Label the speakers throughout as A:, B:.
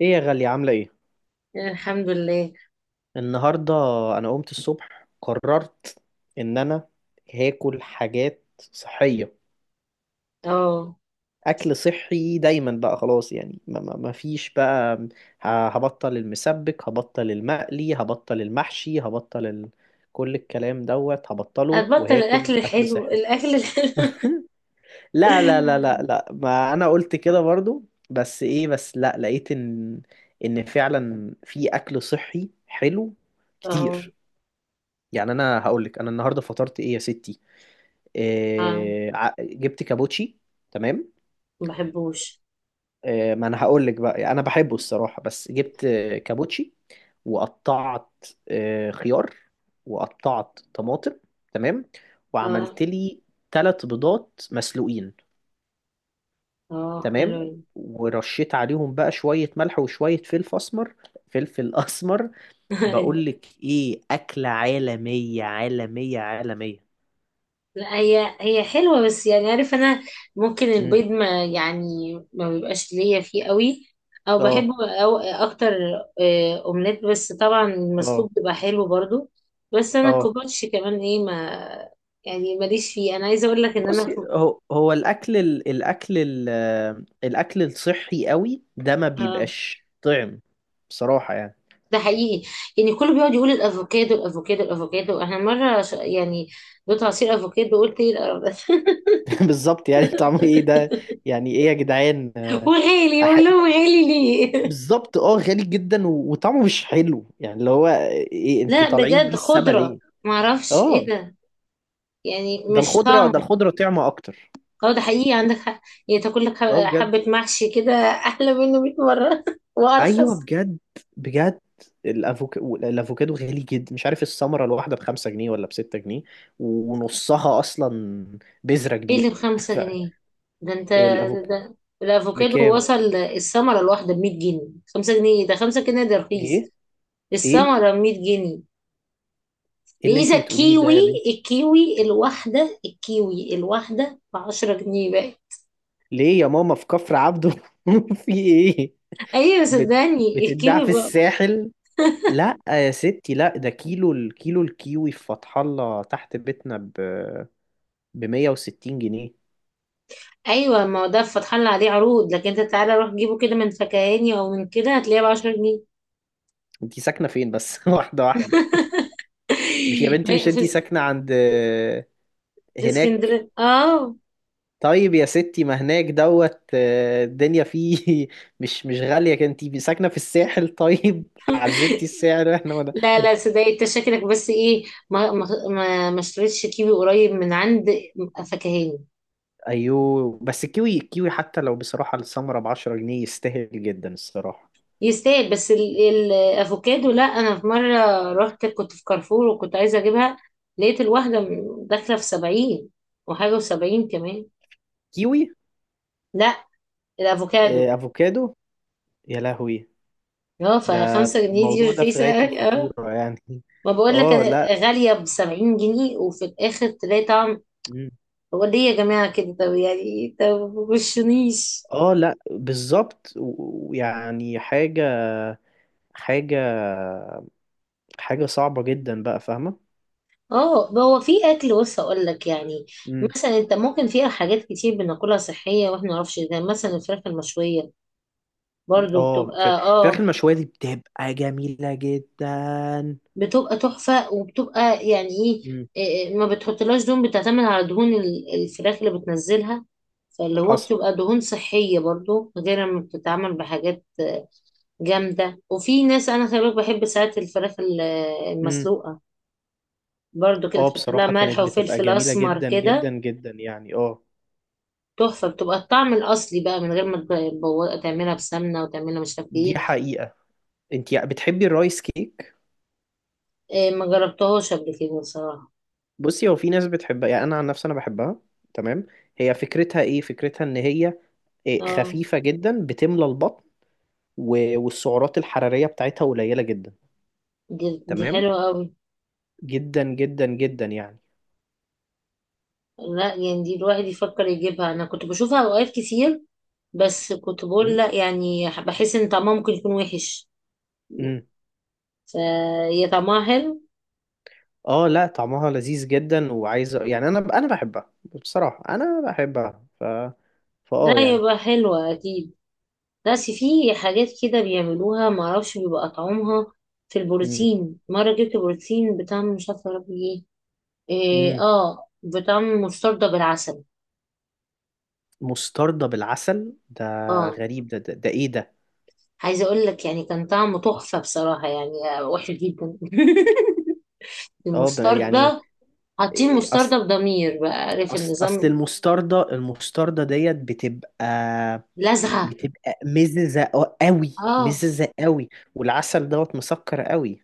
A: ايه يا غالية، عاملة ايه؟
B: الحمد لله.
A: النهاردة انا قمت الصبح، قررت ان انا هاكل حاجات صحية.
B: اه،
A: اكل صحي دايما بقى، خلاص يعني ما فيش بقى. هبطل المسبك، هبطل المقلي، هبطل المحشي، كل الكلام دوت هبطله،
B: هتبطل
A: وهاكل
B: الاكل
A: اكل
B: الحلو
A: صحي.
B: الاكل الحلو؟
A: لا لا لا لا لا، ما انا قلت كده برضو. بس ايه، بس لا، لقيت ان فعلا في اكل صحي حلو
B: اه،
A: كتير. يعني انا هقول لك، انا النهارده فطرت ايه يا ستي؟
B: اه،
A: إيه، جبت كابوتشي، تمام.
B: ما بحبوش.
A: إيه، ما انا هقول لك بقى، انا بحبه الصراحه، بس جبت كابوتشي، وقطعت خيار، وقطعت طماطم، تمام.
B: اه
A: وعملت لي 3 بيضات مسلوقين،
B: اه،
A: تمام.
B: حلو.
A: ورشيت عليهم بقى شويه ملح وشويه فلفل اسمر، فلفل اسمر. بقول لك ايه، اكله عالميه عالميه عالميه.
B: لا، هي حلوه، بس يعني عارف انا ممكن
A: امم،
B: البيض ما يعني ما بيبقاش ليا فيه قوي، او
A: اه،
B: بحبه او اكتر. اومليت، بس طبعا
A: اه،
B: المسلوق بيبقى حلو برضو. بس انا
A: اه.
B: الكوباتش كمان ايه ما، يعني ماليش فيه. انا عايزه اقول لك ان انا.
A: بصي، هو الاكل ال... الاكل ال... آه، الاكل الصحي قوي ده ما
B: آه،
A: بيبقاش طعم، بصراحه يعني.
B: ده حقيقي. يعني كله بيقعد يقول الافوكادو الافوكادو الافوكادو، احنا مره يعني دوت عصير افوكادو، قلت ايه القرف ده.
A: بالظبط، يعني طعمه ايه ده؟ يعني ايه يا جدعان.
B: وغالي،
A: أح...
B: اقول لهم غالي ليه؟
A: بالظبط، اه، غالي جدا و... وطعمه مش حلو، يعني اللي هو ايه، انتوا
B: لا،
A: طالعين بيه
B: بجد
A: السما
B: خضره،
A: ليه؟
B: معرفش ايه
A: اه،
B: ده، يعني
A: ده
B: مش
A: الخضره،
B: طعم.
A: ده الخضره طعمه اكتر.
B: اه، ده حقيقي، عندك حق. يعني تاكل لك
A: اه بجد.
B: حبه محشي كده احلى منه 100 مره
A: ايوه
B: وارخص.
A: بجد. بجد. الافوكادو، الافوكادو غالي جدا، مش عارف الثمره الواحده ب5 جنيه ولا ب6 جنيه، ونصها اصلا بذره
B: ايه
A: كبيره.
B: اللي بخمسة جنيه ده انت ده,
A: فالافوك
B: ده. الافوكادو
A: بكام؟
B: وصل الثمره الواحده ب 100 جنيه. 5 جنيه؟ إيه ده، 5 جنيه ده رخيص.
A: ايه، ايه،
B: الثمره ب 100 جنيه.
A: ايه اللي انت
B: بإذا
A: بتقوليه ده
B: كيوي،
A: يا بنتي؟
B: الكيوي الواحدة بـ10 جنيه بقى.
A: ليه يا ماما؟ في كفر عبده في ايه؟
B: أيوة،
A: بت...
B: صدقني
A: بتتباع
B: الكيوي
A: في
B: بقى.
A: الساحل؟ لا يا ستي، لا، ده الكيلو الكيوي في فتح الله تحت بيتنا ب 160 جنيه.
B: أيوة، ما هو ده فتح لنا عليه عروض، لكن أنت تعالى روح جيبه كده من فكهاني أو من كده هتلاقيه بـ10 جنيه.
A: انت ساكنه فين بس؟ واحده واحده. مش يا بنتي، مش
B: ما-
A: انتي
B: في
A: ساكنة عند
B: في
A: هناك؟
B: اسكندرية، اه.
A: طيب يا ستي، ما هناك دوت الدنيا فيه مش غالية، انتي ساكنة في الساحل طيب عزلتي السعر احنا ولا؟
B: لا لا، صدقني، انت شكلك بس ايه. ما اشتريتش كيوي قريب من عند فكهاني.
A: ايوه، بس الكيوي، الكيوي حتى لو بصراحة السمرة ب10 جنيه، يستاهل جدا الصراحة.
B: يستاهل، بس الافوكادو لا. انا في مره رحت، كنت في كارفور وكنت عايزه اجيبها، لقيت الواحده داخله في 70 وحاجه، وسبعين كمان.
A: كيوي،
B: لا، الافوكادو.
A: افوكادو، يا لهوي.
B: اه،
A: ده
B: فـ5 جنيه دي
A: الموضوع ده في
B: رخيصه
A: غاية
B: أوي، اه.
A: الخطورة يعني
B: ما بقول لك
A: اه لا.
B: انا غاليه بـ70 جنيه وفي الاخر تلاقي طعم.
A: مم.
B: هو ليه يا جماعه كده؟ طب يعني طب، مبشونيش.
A: اه لا، بالظبط ويعني حاجة، حاجة حاجة صعبة جدا بقى، فاهمة؟
B: اه، هو في اكل، بص اقول لك يعني،
A: امم.
B: مثلا انت ممكن فيها حاجات كتير بناكلها صحيه واحنا ما نعرفش. ده مثلا الفراخ المشويه برضو
A: اه،
B: بتبقى
A: الفراخ
B: اه،
A: المشوية دي بتبقى جميلة جدا.
B: بتبقى تحفة، وبتبقى يعني ايه،
A: امم.
B: ما بتحطلهاش دهون، بتعتمد على دهون الفراخ اللي بتنزلها، فاللي هو
A: حصل.
B: بتبقى دهون صحية برضو، غير لما بتتعمل بحاجات جامدة. وفي ناس انا خلي بالك بحب ساعات الفراخ
A: امم.
B: المسلوقة، برضو كده
A: اه،
B: تحط لها
A: بصراحة كانت
B: ملح
A: بتبقى
B: وفلفل
A: جميلة
B: اسمر
A: جدا جدا
B: كده،
A: جدا يعني، اه.
B: تحفة. بتبقى الطعم الأصلي بقى من غير ما تعملها بسمنة وتعملها مش عارف
A: دي
B: ايه.
A: حقيقة. انت بتحبي الرايس كيك؟
B: ما جربتهاش قبل كده بصراحة.
A: بصي، هو في ناس بتحبها، يعني انا عن نفسي انا بحبها، تمام. هي فكرتها ايه؟ فكرتها ان هي
B: اه،
A: خفيفة جدا، بتملى البطن، والسعرات الحرارية بتاعتها قليلة جدا،
B: دي
A: تمام،
B: حلوة قوي.
A: جدا جدا جدا يعني.
B: لا، يعني دي الواحد يفكر يجيبها، انا كنت بشوفها اوقات كتير، بس كنت بقول
A: امم.
B: لا، يعني بحس ان طعمها ممكن يكون وحش،
A: امم.
B: فهي طعمها حلو.
A: اه لا، طعمها لذيذ جدا، وعايز يعني انا بحبها، بصراحة انا بحبها، ف فاه
B: لا،
A: يعني.
B: يبقى حلوة اكيد. بس في حاجات كده بيعملوها معرفش بيبقى طعمها، في
A: امم.
B: البروتين مرة جبت بروتين بطعم مش عارفة يا ربي ايه،
A: امم.
B: اه، بطعم مستردة بالعسل.
A: مستردة بالعسل؟ ده
B: اه،
A: غريب، ده ايه ده؟
B: عايزة اقول لك يعني كان طعمه تحفة بصراحة يعني، وحش جدا.
A: اه، يعني.
B: المستردة، حاطين
A: اصل
B: مستردة بضمير بقى، عارف
A: أصل أصل
B: النظام؟
A: المستردة ديت بتبقى،
B: لزعة.
A: بتبقى مززة قوي،
B: اه،
A: مززة قوي. والعسل دوت مسكر قوي.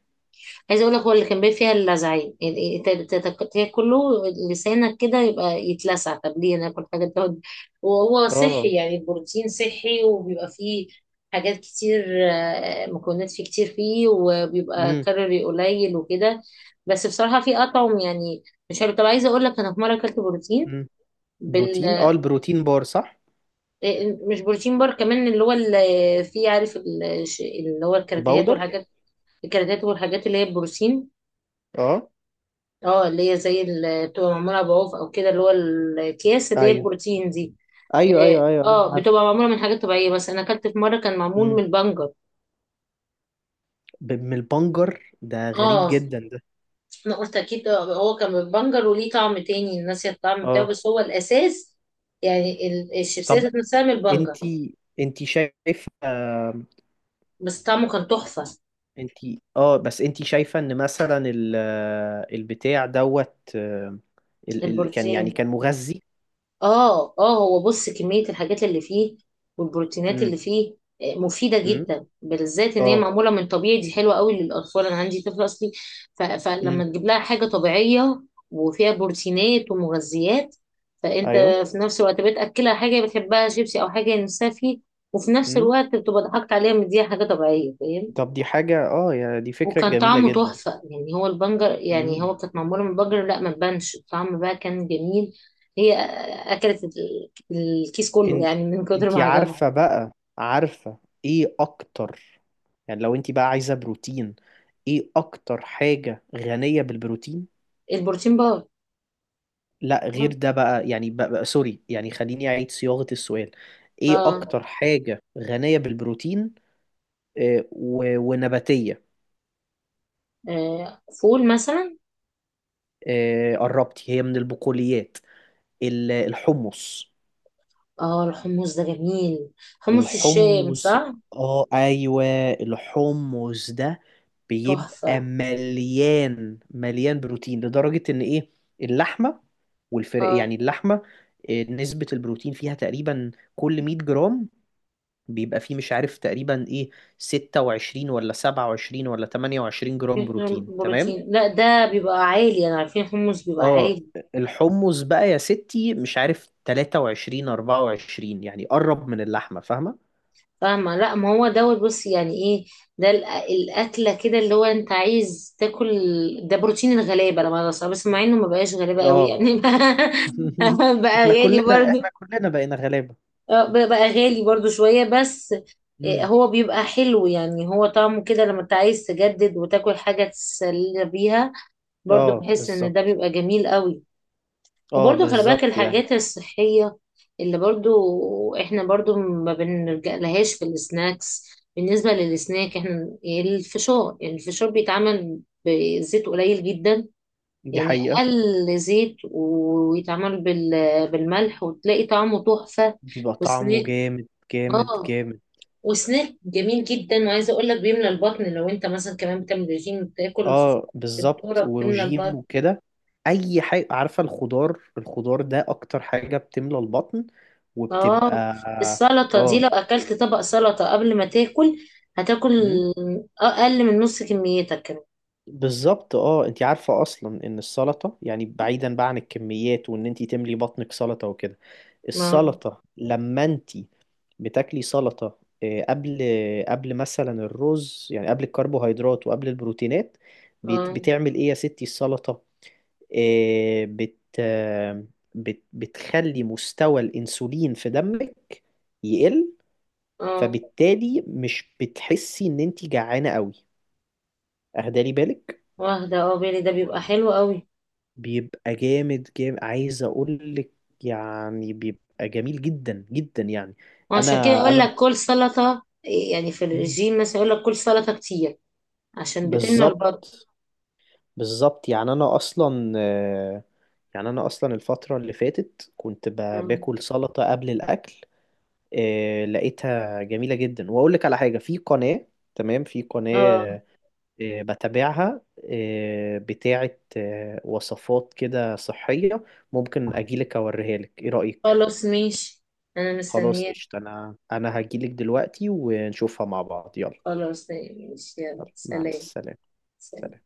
B: عايزه اقول لك هو اللي كان بيبقى فيها اللزعين، يعني تاكله لسانك كده يبقى يتلسع. طب ليه ناكل حاجه تقعد وهو
A: اه.
B: صحي؟ يعني البروتين صحي وبيبقى فيه حاجات كتير، مكونات فيه كتير فيه وبيبقى
A: امم.
B: كالوري قليل وكده. بس بصراحه في اطعم يعني، مش عارف. طب عايزه اقول لك انا في مره اكلت بروتين،
A: امم. بروتين؟ اه، البروتين بار، صح؟
B: مش بروتين بار، كمان اللي هو اللي فيه، عارف اللي هو الكراتيهات
A: الباودر.
B: والحاجات، الكراتيهات والحاجات اللي هي البروتين.
A: اه،
B: اه، اللي هي زي اللي بتبقى معمولة بعوف او كده، اللي هو الاكياس اللي هي
A: ايوه،
B: البروتين دي.
A: ايوه،
B: اه،
A: ايوه، ايوه.
B: بتبقى معمولة من حاجات طبيعية، بس انا اكلت في مرة كان معمول
A: مم.
B: من البنجر.
A: من البنجر؟ ده غريب
B: اه،
A: جدا ده.
B: انا قلت اكيد هو كان من البنجر، وليه طعم تاني الناس، الطعم بتاعه
A: اه،
B: بس هو الاساس، يعني
A: طب
B: الشيبسيات نفسها من البنجر،
A: انتي شايفه،
B: بس طعمه كان تحفة.
A: انتي اه، بس انتي شايفه ان مثلا البتاع دوت آه، ال... ال... كان يعني
B: البروتين،
A: كان مغذي؟
B: اه اه، هو بص كمية الحاجات اللي فيه والبروتينات
A: امم.
B: اللي فيه، مفيدة
A: امم،
B: جدا، بالذات ان هي
A: اه،
B: معمولة من طبيعي. دي حلوة قوي للأطفال، انا عندي طفل اصلي، فلما
A: امم،
B: تجيب لها حاجة طبيعية وفيها بروتينات ومغذيات، فانت
A: ايوه،
B: في نفس الوقت بتأكلها حاجة بتحبها شيبسي او حاجة نفسها فيه، وفي نفس
A: امم.
B: الوقت بتبقى ضحكت عليها مديها حاجة طبيعية.
A: طب دي حاجه، اه يا، دي فكره
B: وكان
A: جميله
B: طعمه
A: جدا.
B: تحفة، يعني هو البنجر، يعني
A: امم.
B: هو كانت معمولة من بنجر لا، ما تبانش الطعم بقى، كان جميل. هي أكلت الكيس كله
A: ان...
B: يعني من كتر ما
A: انتي
B: عجبها.
A: عارفه بقى، عارفه، ايه اكتر؟ يعني لو انت بقى عايزة بروتين، ايه اكتر حاجة غنية بالبروتين؟
B: البروتين بار.
A: لا غير ده بقى، يعني بقى سوري، يعني خليني اعيد صياغة السؤال. ايه
B: اه،
A: اكتر حاجة غنية بالبروتين ونباتية؟
B: فول مثلا.
A: قربتي، هي من البقوليات، الحمص.
B: اه، الحمص ده جميل، حمص الشام
A: الحمص،
B: صح.
A: اه، ايوه. الحمص ده بيبقى
B: تحفة.
A: مليان مليان بروتين، لدرجة ان ايه، اللحمة. والفرق،
B: اه،
A: يعني اللحمة، نسبة البروتين فيها تقريبا كل 100 جرام بيبقى فيه، مش عارف تقريبا ايه، 26 ولا 27 ولا 28 جرام بروتين، تمام.
B: بروتين؟ لا، ده بيبقى عالي، انا عارفين حمص بيبقى
A: اه.
B: عالي.
A: الحمص بقى يا ستي مش عارف 23، 24، يعني قرب من اللحمة، فاهمة؟
B: فاهمة. لا، ما هو دوت بص يعني ايه، ده الأكلة كده اللي هو انت عايز تاكل، ده بروتين الغلابة لما بس مع انه ما بقاش غلابة قوي
A: اه
B: يعني بقى
A: احنا
B: غالي
A: كلنا احنا
B: برضو.
A: كلنا بقينا غلابة.
B: بقى غالي برضو شوية بس.
A: امم.
B: هو بيبقى حلو، يعني هو طعمه كده لما انت عايز تجدد وتاكل حاجة تسلي بيها، برضو
A: اه
B: بحس ان ده
A: بالظبط.
B: بيبقى جميل قوي.
A: اه
B: وبرضو خلي بالك
A: بالظبط يعني.
B: الحاجات الصحية اللي برضو احنا برضو ما بنلجأ لهاش في السناكس. بالنسبة للسناك، احنا الفشار بيتعمل بزيت قليل جدا،
A: دي
B: يعني
A: حقيقة.
B: أقل زيت، ويتعمل بالملح وتلاقي طعمه تحفة.
A: بيبقى طعمه
B: وسناك
A: جامد جامد
B: اه،
A: جامد.
B: وسناك جميل جدا، وعايزة اقول لك بيملى البطن. لو انت مثلا كمان بتعمل ريجيم بتاكل الفشار،
A: اه بالظبط،
B: الذرة بتملى
A: وروجيم
B: البطن.
A: وكده. اي حاجة، عارفة، الخضار، الخضار ده اكتر حاجة بتملى البطن، وبتبقى.
B: اه، السلطة دي
A: اه.
B: لو اكلت طبق سلطة قبل ما تاكل هتاكل
A: مم.
B: اقل من نص كميتك كمان.
A: بالظبط، اه انت عارفة اصلا ان السلطة يعني بعيدا بقى عن الكميات، وان انت تملي بطنك سلطة وكده.
B: ما
A: السلطة لما انت بتاكلي سلطة قبل مثلا الرز، يعني قبل الكربوهيدرات وقبل البروتينات،
B: اه
A: بتعمل ايه يا ستي السلطة؟ آه، بت آه، بت بتخلي مستوى الانسولين في دمك يقل،
B: اه،
A: فبالتالي مش بتحسي ان انت جعانة قوي. اهدالي بالك،
B: واخدة اه بالي. ده بيبقى حلو قوي.
A: بيبقى جامد جامد، عايز اقول لك، يعني بيبقى جميل جدا جدا يعني، انا
B: وعشان كده اقول
A: انا
B: لك كل سلطة، يعني في
A: مم.
B: الرجيم مثلا يقول لك كل سلطة كتير عشان بتمنع
A: بالظبط،
B: البطن.
A: بالظبط يعني، انا اصلا الفتره اللي فاتت كنت
B: اه.
A: باكل سلطه قبل الاكل. لقيتها جميله جدا، واقول لك على حاجه في قناه، تمام، في
B: آه.
A: قناه بتابعها، بتاعه وصفات كده صحيه. ممكن اجيلك اوريها لك، ايه رايك؟
B: خلاص ماشي، انا
A: خلاص،
B: مستنياك.
A: قشطة، أنا هجيلك دلوقتي، ونشوفها مع بعض، يلا.
B: خلاص ماشي، يلا
A: يلا، مع
B: سلام.
A: السلامة. سلام.
B: سلام.